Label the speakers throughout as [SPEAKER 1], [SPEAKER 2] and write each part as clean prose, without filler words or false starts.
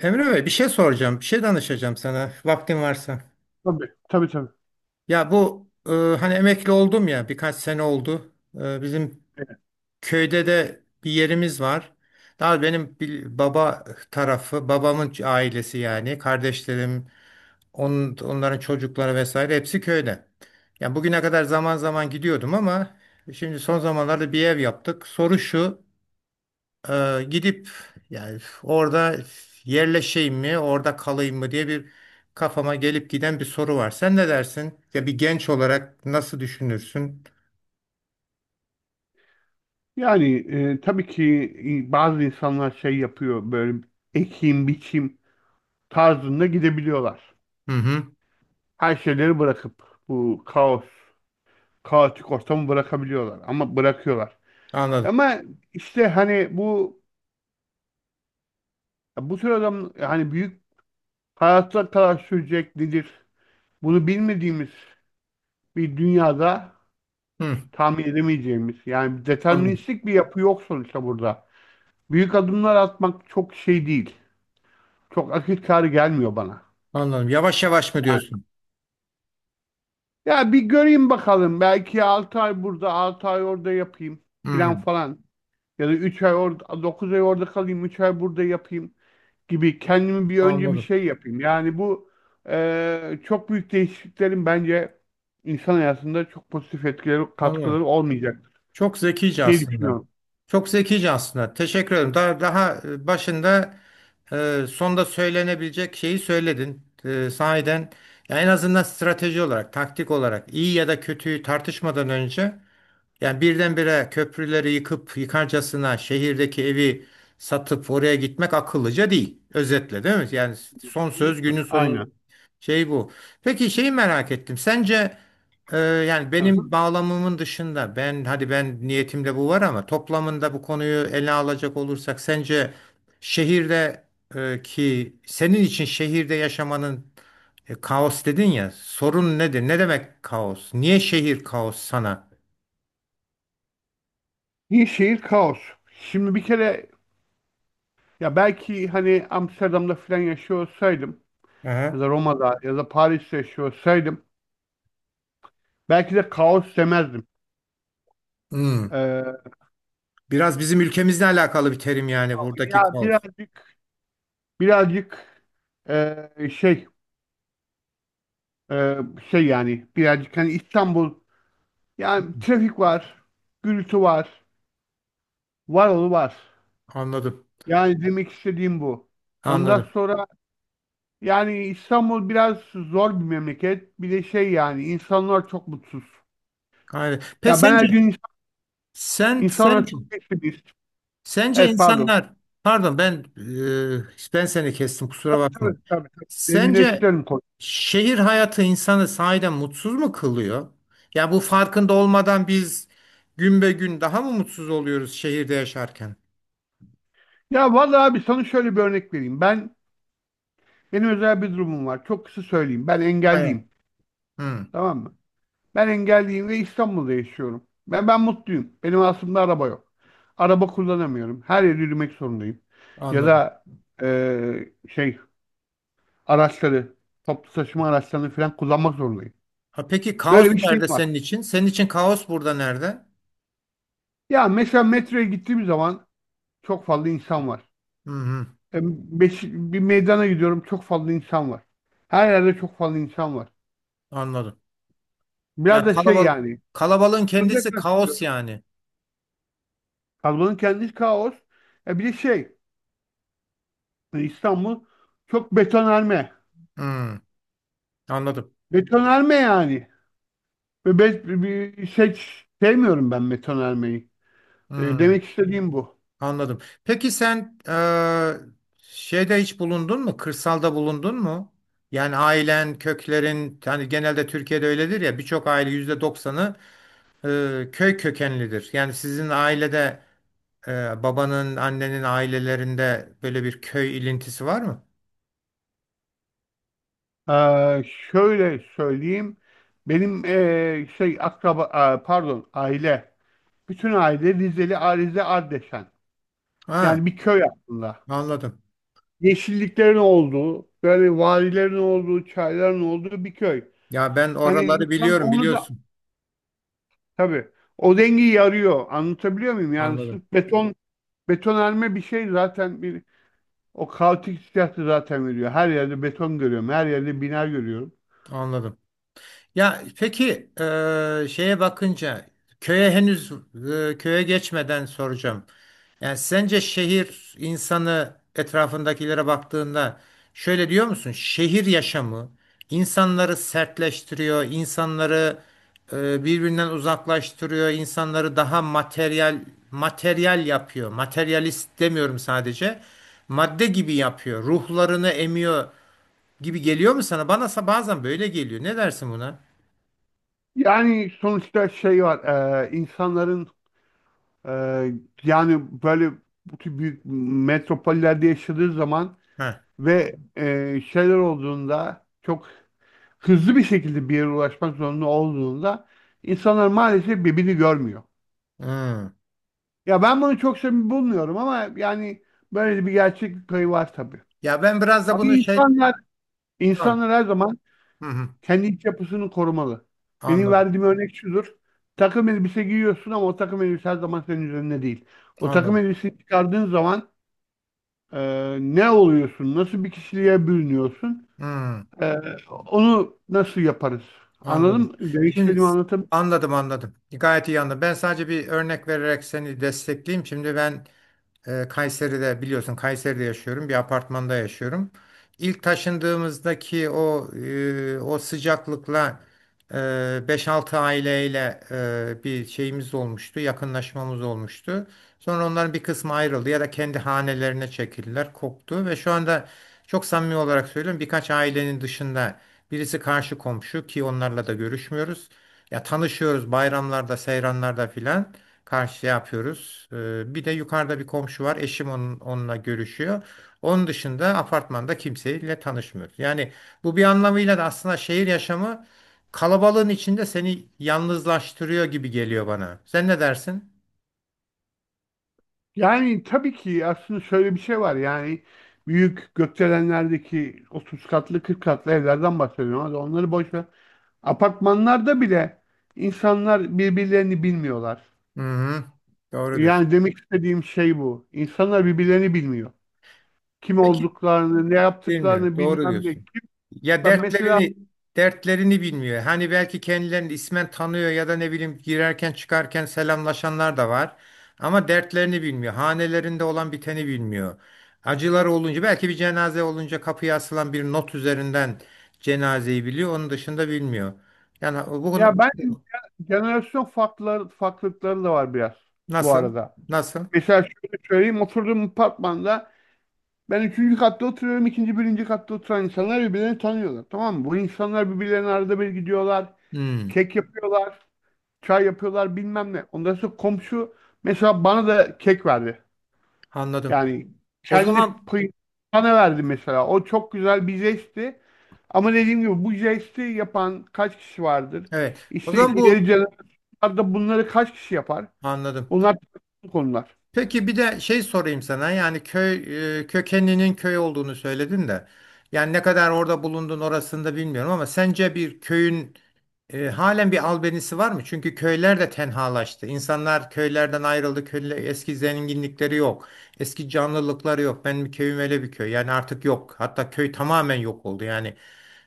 [SPEAKER 1] Emre Bey bir şey soracağım, bir şey danışacağım sana vaktin varsa.
[SPEAKER 2] Tabii, tabii tabii.
[SPEAKER 1] Ya bu hani emekli oldum ya birkaç sene oldu. Bizim
[SPEAKER 2] Evet.
[SPEAKER 1] köyde de bir yerimiz var. Daha benim bir baba tarafı, babamın ailesi yani kardeşlerim, onların çocukları vesaire hepsi köyde. Yani bugüne kadar zaman zaman gidiyordum ama şimdi son zamanlarda bir ev yaptık. Soru şu. Gidip yani orada yerleşeyim mi, orada kalayım mı diye bir kafama gelip giden bir soru var. Sen ne dersin? Ya bir genç olarak nasıl düşünürsün?
[SPEAKER 2] Yani tabii ki bazı insanlar şey yapıyor böyle ekim biçim tarzında gidebiliyorlar.
[SPEAKER 1] Hı hı,
[SPEAKER 2] Her şeyleri bırakıp bu kaos, kaotik ortamı bırakabiliyorlar ama bırakıyorlar.
[SPEAKER 1] anladım.
[SPEAKER 2] Ama işte hani bu tür adam hani büyük hayatlar kadar sürecek nedir? Bunu bilmediğimiz bir dünyada
[SPEAKER 1] Hı,
[SPEAKER 2] tahmin edemeyeceğimiz yani
[SPEAKER 1] anladım.
[SPEAKER 2] deterministik bir yapı yok sonuçta burada. Büyük adımlar atmak çok şey değil. Çok akıl kârı gelmiyor bana.
[SPEAKER 1] Anladım. Yavaş yavaş mı
[SPEAKER 2] Yani,
[SPEAKER 1] diyorsun?
[SPEAKER 2] ya bir göreyim bakalım. Belki 6 ay burada, 6 ay orada yapayım
[SPEAKER 1] Hı,
[SPEAKER 2] falan falan. Ya da 3 ay orada, 9 ay orada kalayım, 3 ay burada yapayım gibi kendimi bir önce bir
[SPEAKER 1] anladım.
[SPEAKER 2] şey yapayım. Yani bu çok büyük değişikliklerin bence insan hayatında çok pozitif etkileri,
[SPEAKER 1] Anladım.
[SPEAKER 2] katkıları olmayacaktır
[SPEAKER 1] Çok zekice
[SPEAKER 2] diye
[SPEAKER 1] aslında.
[SPEAKER 2] düşünüyorum.
[SPEAKER 1] Çok zekice aslında. Teşekkür ederim. Daha başında sonda söylenebilecek şeyi söyledin. E, sahiden ya en azından strateji olarak, taktik olarak iyi ya da kötüyü tartışmadan önce yani birdenbire köprüleri yıkıp yıkarcasına şehirdeki evi satıp oraya gitmek akıllıca değil. Özetle değil mi? Yani son söz günün sonu
[SPEAKER 2] Aynen.
[SPEAKER 1] şey bu. Peki şeyi merak ettim. Sence yani
[SPEAKER 2] Hı hı.
[SPEAKER 1] benim bağlamımın dışında ben hadi ben niyetimde bu var ama toplamında bu konuyu ele alacak olursak sence şehirde ki senin için şehirde yaşamanın kaos dedin ya sorun nedir? Ne demek kaos? Niye şehir kaos sana?
[SPEAKER 2] Bir şehir kaos. Şimdi bir kere ya belki hani Amsterdam'da falan yaşıyor olsaydım ya
[SPEAKER 1] Aha.
[SPEAKER 2] da Roma'da ya da Paris'te yaşıyorsaydım belki de kaos demezdim.
[SPEAKER 1] Hmm.
[SPEAKER 2] Ee,
[SPEAKER 1] Biraz bizim ülkemizle alakalı bir terim yani buradaki
[SPEAKER 2] Ya
[SPEAKER 1] kaos.
[SPEAKER 2] birazcık şey e, şey yani birazcık hani İstanbul, yani trafik var, gürültü var, var oğlu var.
[SPEAKER 1] Anladım.
[SPEAKER 2] Yani demek istediğim bu. Ondan
[SPEAKER 1] Anladım.
[SPEAKER 2] sonra yani İstanbul biraz zor bir memleket. Bir de şey yani insanlar çok mutsuz.
[SPEAKER 1] Aynen. Peki
[SPEAKER 2] Ya ben her gün
[SPEAKER 1] sence sen
[SPEAKER 2] insanlar
[SPEAKER 1] sence
[SPEAKER 2] çok pessimist.
[SPEAKER 1] sence
[SPEAKER 2] Evet pardon.
[SPEAKER 1] insanlar pardon ben ben seni kestim kusura
[SPEAKER 2] Tabii
[SPEAKER 1] bakma.
[SPEAKER 2] tabii tabii. Tabii.
[SPEAKER 1] Sence
[SPEAKER 2] Derinleştirelim konuyu.
[SPEAKER 1] şehir hayatı insanı sahiden mutsuz mu kılıyor? Ya bu farkında olmadan biz gün be gün daha mı mutsuz oluyoruz şehirde yaşarken?
[SPEAKER 2] Ya vallahi abi sana şöyle bir örnek vereyim. Benim özel bir durumum var. Çok kısa söyleyeyim. Ben
[SPEAKER 1] Aynen.
[SPEAKER 2] engelliyim.
[SPEAKER 1] Hmm,
[SPEAKER 2] Tamam mı? Ben engelliyim ve İstanbul'da yaşıyorum. Ben mutluyum. Benim aslında araba yok. Araba kullanamıyorum. Her yere yürümek zorundayım. Ya
[SPEAKER 1] anladım.
[SPEAKER 2] da şey araçları, toplu taşıma araçlarını falan kullanmak zorundayım.
[SPEAKER 1] Ha, peki kaos
[SPEAKER 2] Böyle bir şeyim
[SPEAKER 1] nerede
[SPEAKER 2] var.
[SPEAKER 1] senin için? Senin için kaos burada nerede?
[SPEAKER 2] Ya mesela metroya gittiğim zaman çok fazla insan var.
[SPEAKER 1] Hı hı.
[SPEAKER 2] E, bir meydana gidiyorum, çok fazla insan var. Her yerde çok fazla insan var.
[SPEAKER 1] Anladım.
[SPEAKER 2] Biraz
[SPEAKER 1] Ya
[SPEAKER 2] da şey
[SPEAKER 1] kalabal
[SPEAKER 2] yani.
[SPEAKER 1] kalabalığın
[SPEAKER 2] Şunu
[SPEAKER 1] kendisi kaos
[SPEAKER 2] kastediyor.
[SPEAKER 1] yani.
[SPEAKER 2] Kazmanın kendisi kaos. Bir de şey İstanbul çok betonarme.
[SPEAKER 1] Hmm, anladım.
[SPEAKER 2] Betonarme yani. Ve bir seç sevmiyorum ben betonarmeyi.
[SPEAKER 1] Hmm,
[SPEAKER 2] Demek istediğim bu.
[SPEAKER 1] anladım. Peki sen şeyde hiç bulundun mu? Kırsalda bulundun mu? Yani ailen, köklerin, yani genelde Türkiye'de öyledir ya birçok aile %90'ı köy kökenlidir. Yani sizin ailede babanın, annenin ailelerinde böyle bir köy ilintisi var mı?
[SPEAKER 2] Ee, Şöyle söyleyeyim. Benim şey akraba pardon aile. Bütün aile Rizeli, Arize Ardeşen.
[SPEAKER 1] Ha,
[SPEAKER 2] Yani bir köy aslında.
[SPEAKER 1] anladım.
[SPEAKER 2] Yeşilliklerin olduğu, böyle vadilerin olduğu, çayların olduğu bir köy.
[SPEAKER 1] Ya ben
[SPEAKER 2] Hani, evet.
[SPEAKER 1] oraları
[SPEAKER 2] insan
[SPEAKER 1] biliyorum,
[SPEAKER 2] onu da.
[SPEAKER 1] biliyorsun.
[SPEAKER 2] Tabii. O dengeyi arıyor. Anlatabiliyor muyum? Yani
[SPEAKER 1] Anladım,
[SPEAKER 2] sırf betonarme bir şey zaten bir o kaotik hissiyatı zaten veriyor. Her yerde beton görüyorum. Her yerde bina görüyorum.
[SPEAKER 1] anladım. Ya peki şeye bakınca köye henüz köye geçmeden soracağım. Yani sence şehir insanı etrafındakilere baktığında şöyle diyor musun? Şehir yaşamı insanları sertleştiriyor, insanları birbirinden uzaklaştırıyor, insanları daha materyal yapıyor. Materyalist demiyorum sadece. Madde gibi yapıyor. Ruhlarını emiyor gibi geliyor mu sana? Bana sa- bazen böyle geliyor. Ne dersin buna?
[SPEAKER 2] Yani sonuçta şey var. E, insanların e, yani böyle bu tür büyük metropollerde yaşadığı zaman
[SPEAKER 1] Heh.
[SPEAKER 2] ve şeyler olduğunda çok hızlı bir şekilde bir yere ulaşmak zorunda olduğunda insanlar maalesef birbirini görmüyor.
[SPEAKER 1] Hmm.
[SPEAKER 2] Ya ben bunu çok samimi bulmuyorum ama yani böyle bir gerçeklik payı var tabii.
[SPEAKER 1] Ya ben biraz da
[SPEAKER 2] Ama
[SPEAKER 1] bunu şey
[SPEAKER 2] insanlar,
[SPEAKER 1] tamam.
[SPEAKER 2] insanlar her zaman
[SPEAKER 1] Hı hı.
[SPEAKER 2] kendi iç yapısını korumalı. Benim
[SPEAKER 1] Anladım.
[SPEAKER 2] verdiğim örnek şudur. Takım elbise giyiyorsun ama o takım elbise her zaman senin üzerinde değil. O takım
[SPEAKER 1] Anladım.
[SPEAKER 2] elbiseyi çıkardığın zaman ne oluyorsun? Nasıl bir kişiliğe bürünüyorsun?
[SPEAKER 1] Hmm.
[SPEAKER 2] E, Onu nasıl yaparız? Anladın
[SPEAKER 1] Anladım.
[SPEAKER 2] mı? Demek
[SPEAKER 1] Şimdi
[SPEAKER 2] istediğimi anlatabiliyor.
[SPEAKER 1] anladım, anladım. Gayet iyi anladım. Ben sadece bir örnek vererek seni destekleyeyim. Şimdi ben Kayseri'de biliyorsun Kayseri'de yaşıyorum. Bir apartmanda yaşıyorum. İlk taşındığımızdaki o o sıcaklıkla e, 5-6 aileyle bir şeyimiz olmuştu. Yakınlaşmamız olmuştu. Sonra onların bir kısmı ayrıldı ya da kendi hanelerine çekildiler, koptu ve şu anda çok samimi olarak söylüyorum birkaç ailenin dışında birisi karşı komşu ki onlarla da görüşmüyoruz. Ya tanışıyoruz bayramlarda, seyranlarda filan karşıya yapıyoruz. Bir de yukarıda bir komşu var. Eşim onunla görüşüyor. Onun dışında apartmanda kimseyle tanışmıyoruz. Yani bu bir anlamıyla da aslında şehir yaşamı kalabalığın içinde seni yalnızlaştırıyor gibi geliyor bana. Sen ne dersin?
[SPEAKER 2] Yani tabii ki aslında şöyle bir şey var, yani büyük gökdelenlerdeki 30 katlı, 40 katlı evlerden bahsediyorum ama onları boş ver. Apartmanlarda bile insanlar birbirlerini bilmiyorlar.
[SPEAKER 1] Hı hı. Doğru diyorsun.
[SPEAKER 2] Yani demek istediğim şey bu. İnsanlar birbirlerini bilmiyor. Kim
[SPEAKER 1] Peki
[SPEAKER 2] olduklarını, ne
[SPEAKER 1] bilmiyor.
[SPEAKER 2] yaptıklarını
[SPEAKER 1] Doğru
[SPEAKER 2] bilmem ne.
[SPEAKER 1] diyorsun.
[SPEAKER 2] Kim,
[SPEAKER 1] Ya
[SPEAKER 2] ben mesela,
[SPEAKER 1] dertlerini bilmiyor. Hani belki kendilerini ismen tanıyor ya da ne bileyim girerken çıkarken selamlaşanlar da var. Ama dertlerini bilmiyor. Hanelerinde olan biteni bilmiyor. Acıları olunca belki bir cenaze olunca kapıya asılan bir not üzerinden cenazeyi biliyor. Onun dışında bilmiyor. Yani
[SPEAKER 2] ya
[SPEAKER 1] bugün
[SPEAKER 2] ben, jenerasyon farklılıkları da var biraz bu
[SPEAKER 1] nasıl?
[SPEAKER 2] arada.
[SPEAKER 1] Nasıl?
[SPEAKER 2] Mesela şöyle söyleyeyim, oturduğum apartmanda Ben üçüncü katta oturuyorum. İkinci, birinci katta oturan insanlar birbirlerini tanıyorlar. Tamam mı? Bu insanlar birbirlerine arada bir gidiyorlar.
[SPEAKER 1] Hmm,
[SPEAKER 2] Kek yapıyorlar. Çay yapıyorlar bilmem ne. Ondan sonra komşu mesela bana da kek verdi.
[SPEAKER 1] anladım.
[SPEAKER 2] Yani
[SPEAKER 1] O
[SPEAKER 2] kendi
[SPEAKER 1] zaman
[SPEAKER 2] payı bana verdi mesela. O çok güzel bir jestti. Ama dediğim gibi bu jesti yapan kaç kişi vardır?
[SPEAKER 1] evet. O
[SPEAKER 2] İşte
[SPEAKER 1] zaman
[SPEAKER 2] ileri
[SPEAKER 1] bu
[SPEAKER 2] jenerasyonlarda bunları kaç kişi yapar?
[SPEAKER 1] anladım.
[SPEAKER 2] Bunlar tartışmalı konular.
[SPEAKER 1] Peki bir de şey sorayım sana yani köy kökeninin köy olduğunu söyledin de yani ne kadar orada bulundun orasını da bilmiyorum ama sence bir köyün halen bir albenisi var mı? Çünkü köyler de tenhalaştı. İnsanlar köylerden ayrıldı. Köyle, eski zenginlikleri yok. Eski canlılıkları yok. Benim köyüm öyle bir köy. Yani artık yok. Hatta köy tamamen yok oldu. Yani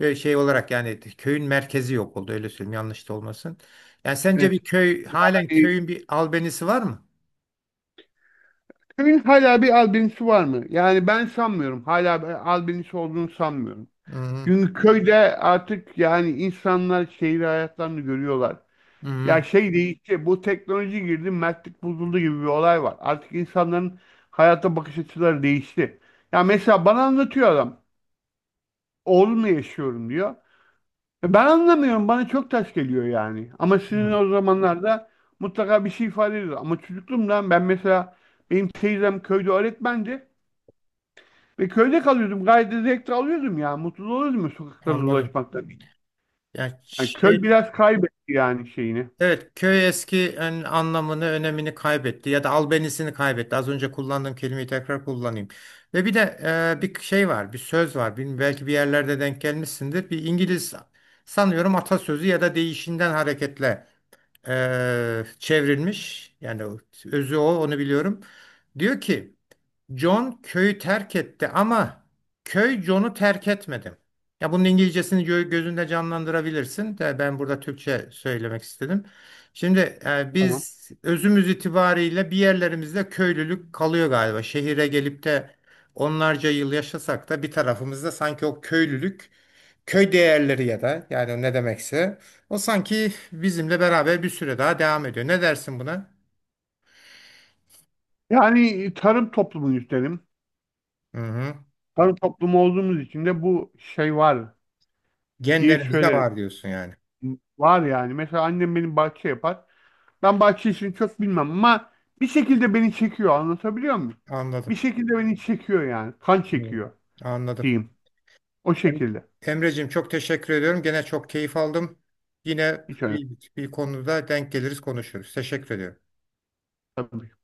[SPEAKER 1] şey olarak yani köyün merkezi yok oldu. Öyle söyleyeyim yanlış da olmasın. Yani sence
[SPEAKER 2] Evet.
[SPEAKER 1] bir köy halen
[SPEAKER 2] Yani
[SPEAKER 1] köyün bir albenisi var mı?
[SPEAKER 2] köyün hala bir albinosu var mı? Yani ben sanmıyorum. Hala bir albinosu olduğunu sanmıyorum.
[SPEAKER 1] Hı hı.
[SPEAKER 2] Çünkü köyde artık yani insanlar şehir hayatlarını görüyorlar.
[SPEAKER 1] Hı hı.
[SPEAKER 2] Ya şey değişti. Bu teknoloji girdi, mertlik bozuldu gibi bir olay var. Artık insanların hayata bakış açıları değişti. Ya mesela bana anlatıyor adam. Oğlumla yaşıyorum diyor. Ben anlamıyorum. Bana çok ters geliyor yani. Ama sizin
[SPEAKER 1] Hmm,
[SPEAKER 2] o zamanlarda mutlaka bir şey ifade ediyor. Ama çocukluğumdan ben mesela, benim teyzem köyde öğretmendi. Ve köyde kalıyordum. Gayet de zevk de alıyordum ya. Mutlu oluyordum ya sokaklarda
[SPEAKER 1] anladım.
[SPEAKER 2] dolaşmaktan.
[SPEAKER 1] Yani
[SPEAKER 2] Yani köy
[SPEAKER 1] şey,
[SPEAKER 2] biraz kaybetti yani şeyini.
[SPEAKER 1] evet köy eski en- anlamını, önemini kaybetti ya da albenisini kaybetti. Az önce kullandığım kelimeyi tekrar kullanayım. Ve bir de bir şey var, bir söz var. Bilmiyorum, belki bir yerlerde denk gelmişsindir. Bir İngiliz sanıyorum atasözü ya da deyişinden hareketle çevrilmiş. Yani özü o, onu biliyorum. Diyor ki John köyü terk etti ama köy John'u terk etmedi. Ya bunun İngilizcesini gö- gözünde canlandırabilirsin de ben burada Türkçe söylemek istedim. Şimdi
[SPEAKER 2] Tamam.
[SPEAKER 1] biz özümüz itibariyle bir yerlerimizde köylülük kalıyor galiba. Şehire gelip de onlarca yıl yaşasak da bir tarafımızda sanki o köylülük, köy değerleri ya da yani ne demekse o sanki bizimle beraber bir süre daha devam ediyor. Ne dersin buna?
[SPEAKER 2] Yani tarım toplumuyuz üstelim.
[SPEAKER 1] Hı hı.
[SPEAKER 2] Tarım toplumu olduğumuz için de bu şey var diye
[SPEAKER 1] Genlerimizde
[SPEAKER 2] söylerim.
[SPEAKER 1] var diyorsun yani.
[SPEAKER 2] Var yani. Mesela annem benim bahçe yapar. Ben bahçe işini çok bilmem ama bir şekilde beni çekiyor. Anlatabiliyor muyum? Bir
[SPEAKER 1] Anladım.
[SPEAKER 2] şekilde beni çekiyor yani. Kan
[SPEAKER 1] Evet.
[SPEAKER 2] çekiyor
[SPEAKER 1] Anladım.
[SPEAKER 2] diyeyim. O
[SPEAKER 1] Em-
[SPEAKER 2] şekilde.
[SPEAKER 1] Emreciğim çok teşekkür ediyorum. Gene çok keyif aldım. Yine
[SPEAKER 2] Hiç
[SPEAKER 1] bir, bir konuda denk geliriz konuşuruz. Teşekkür ediyorum.
[SPEAKER 2] önemli.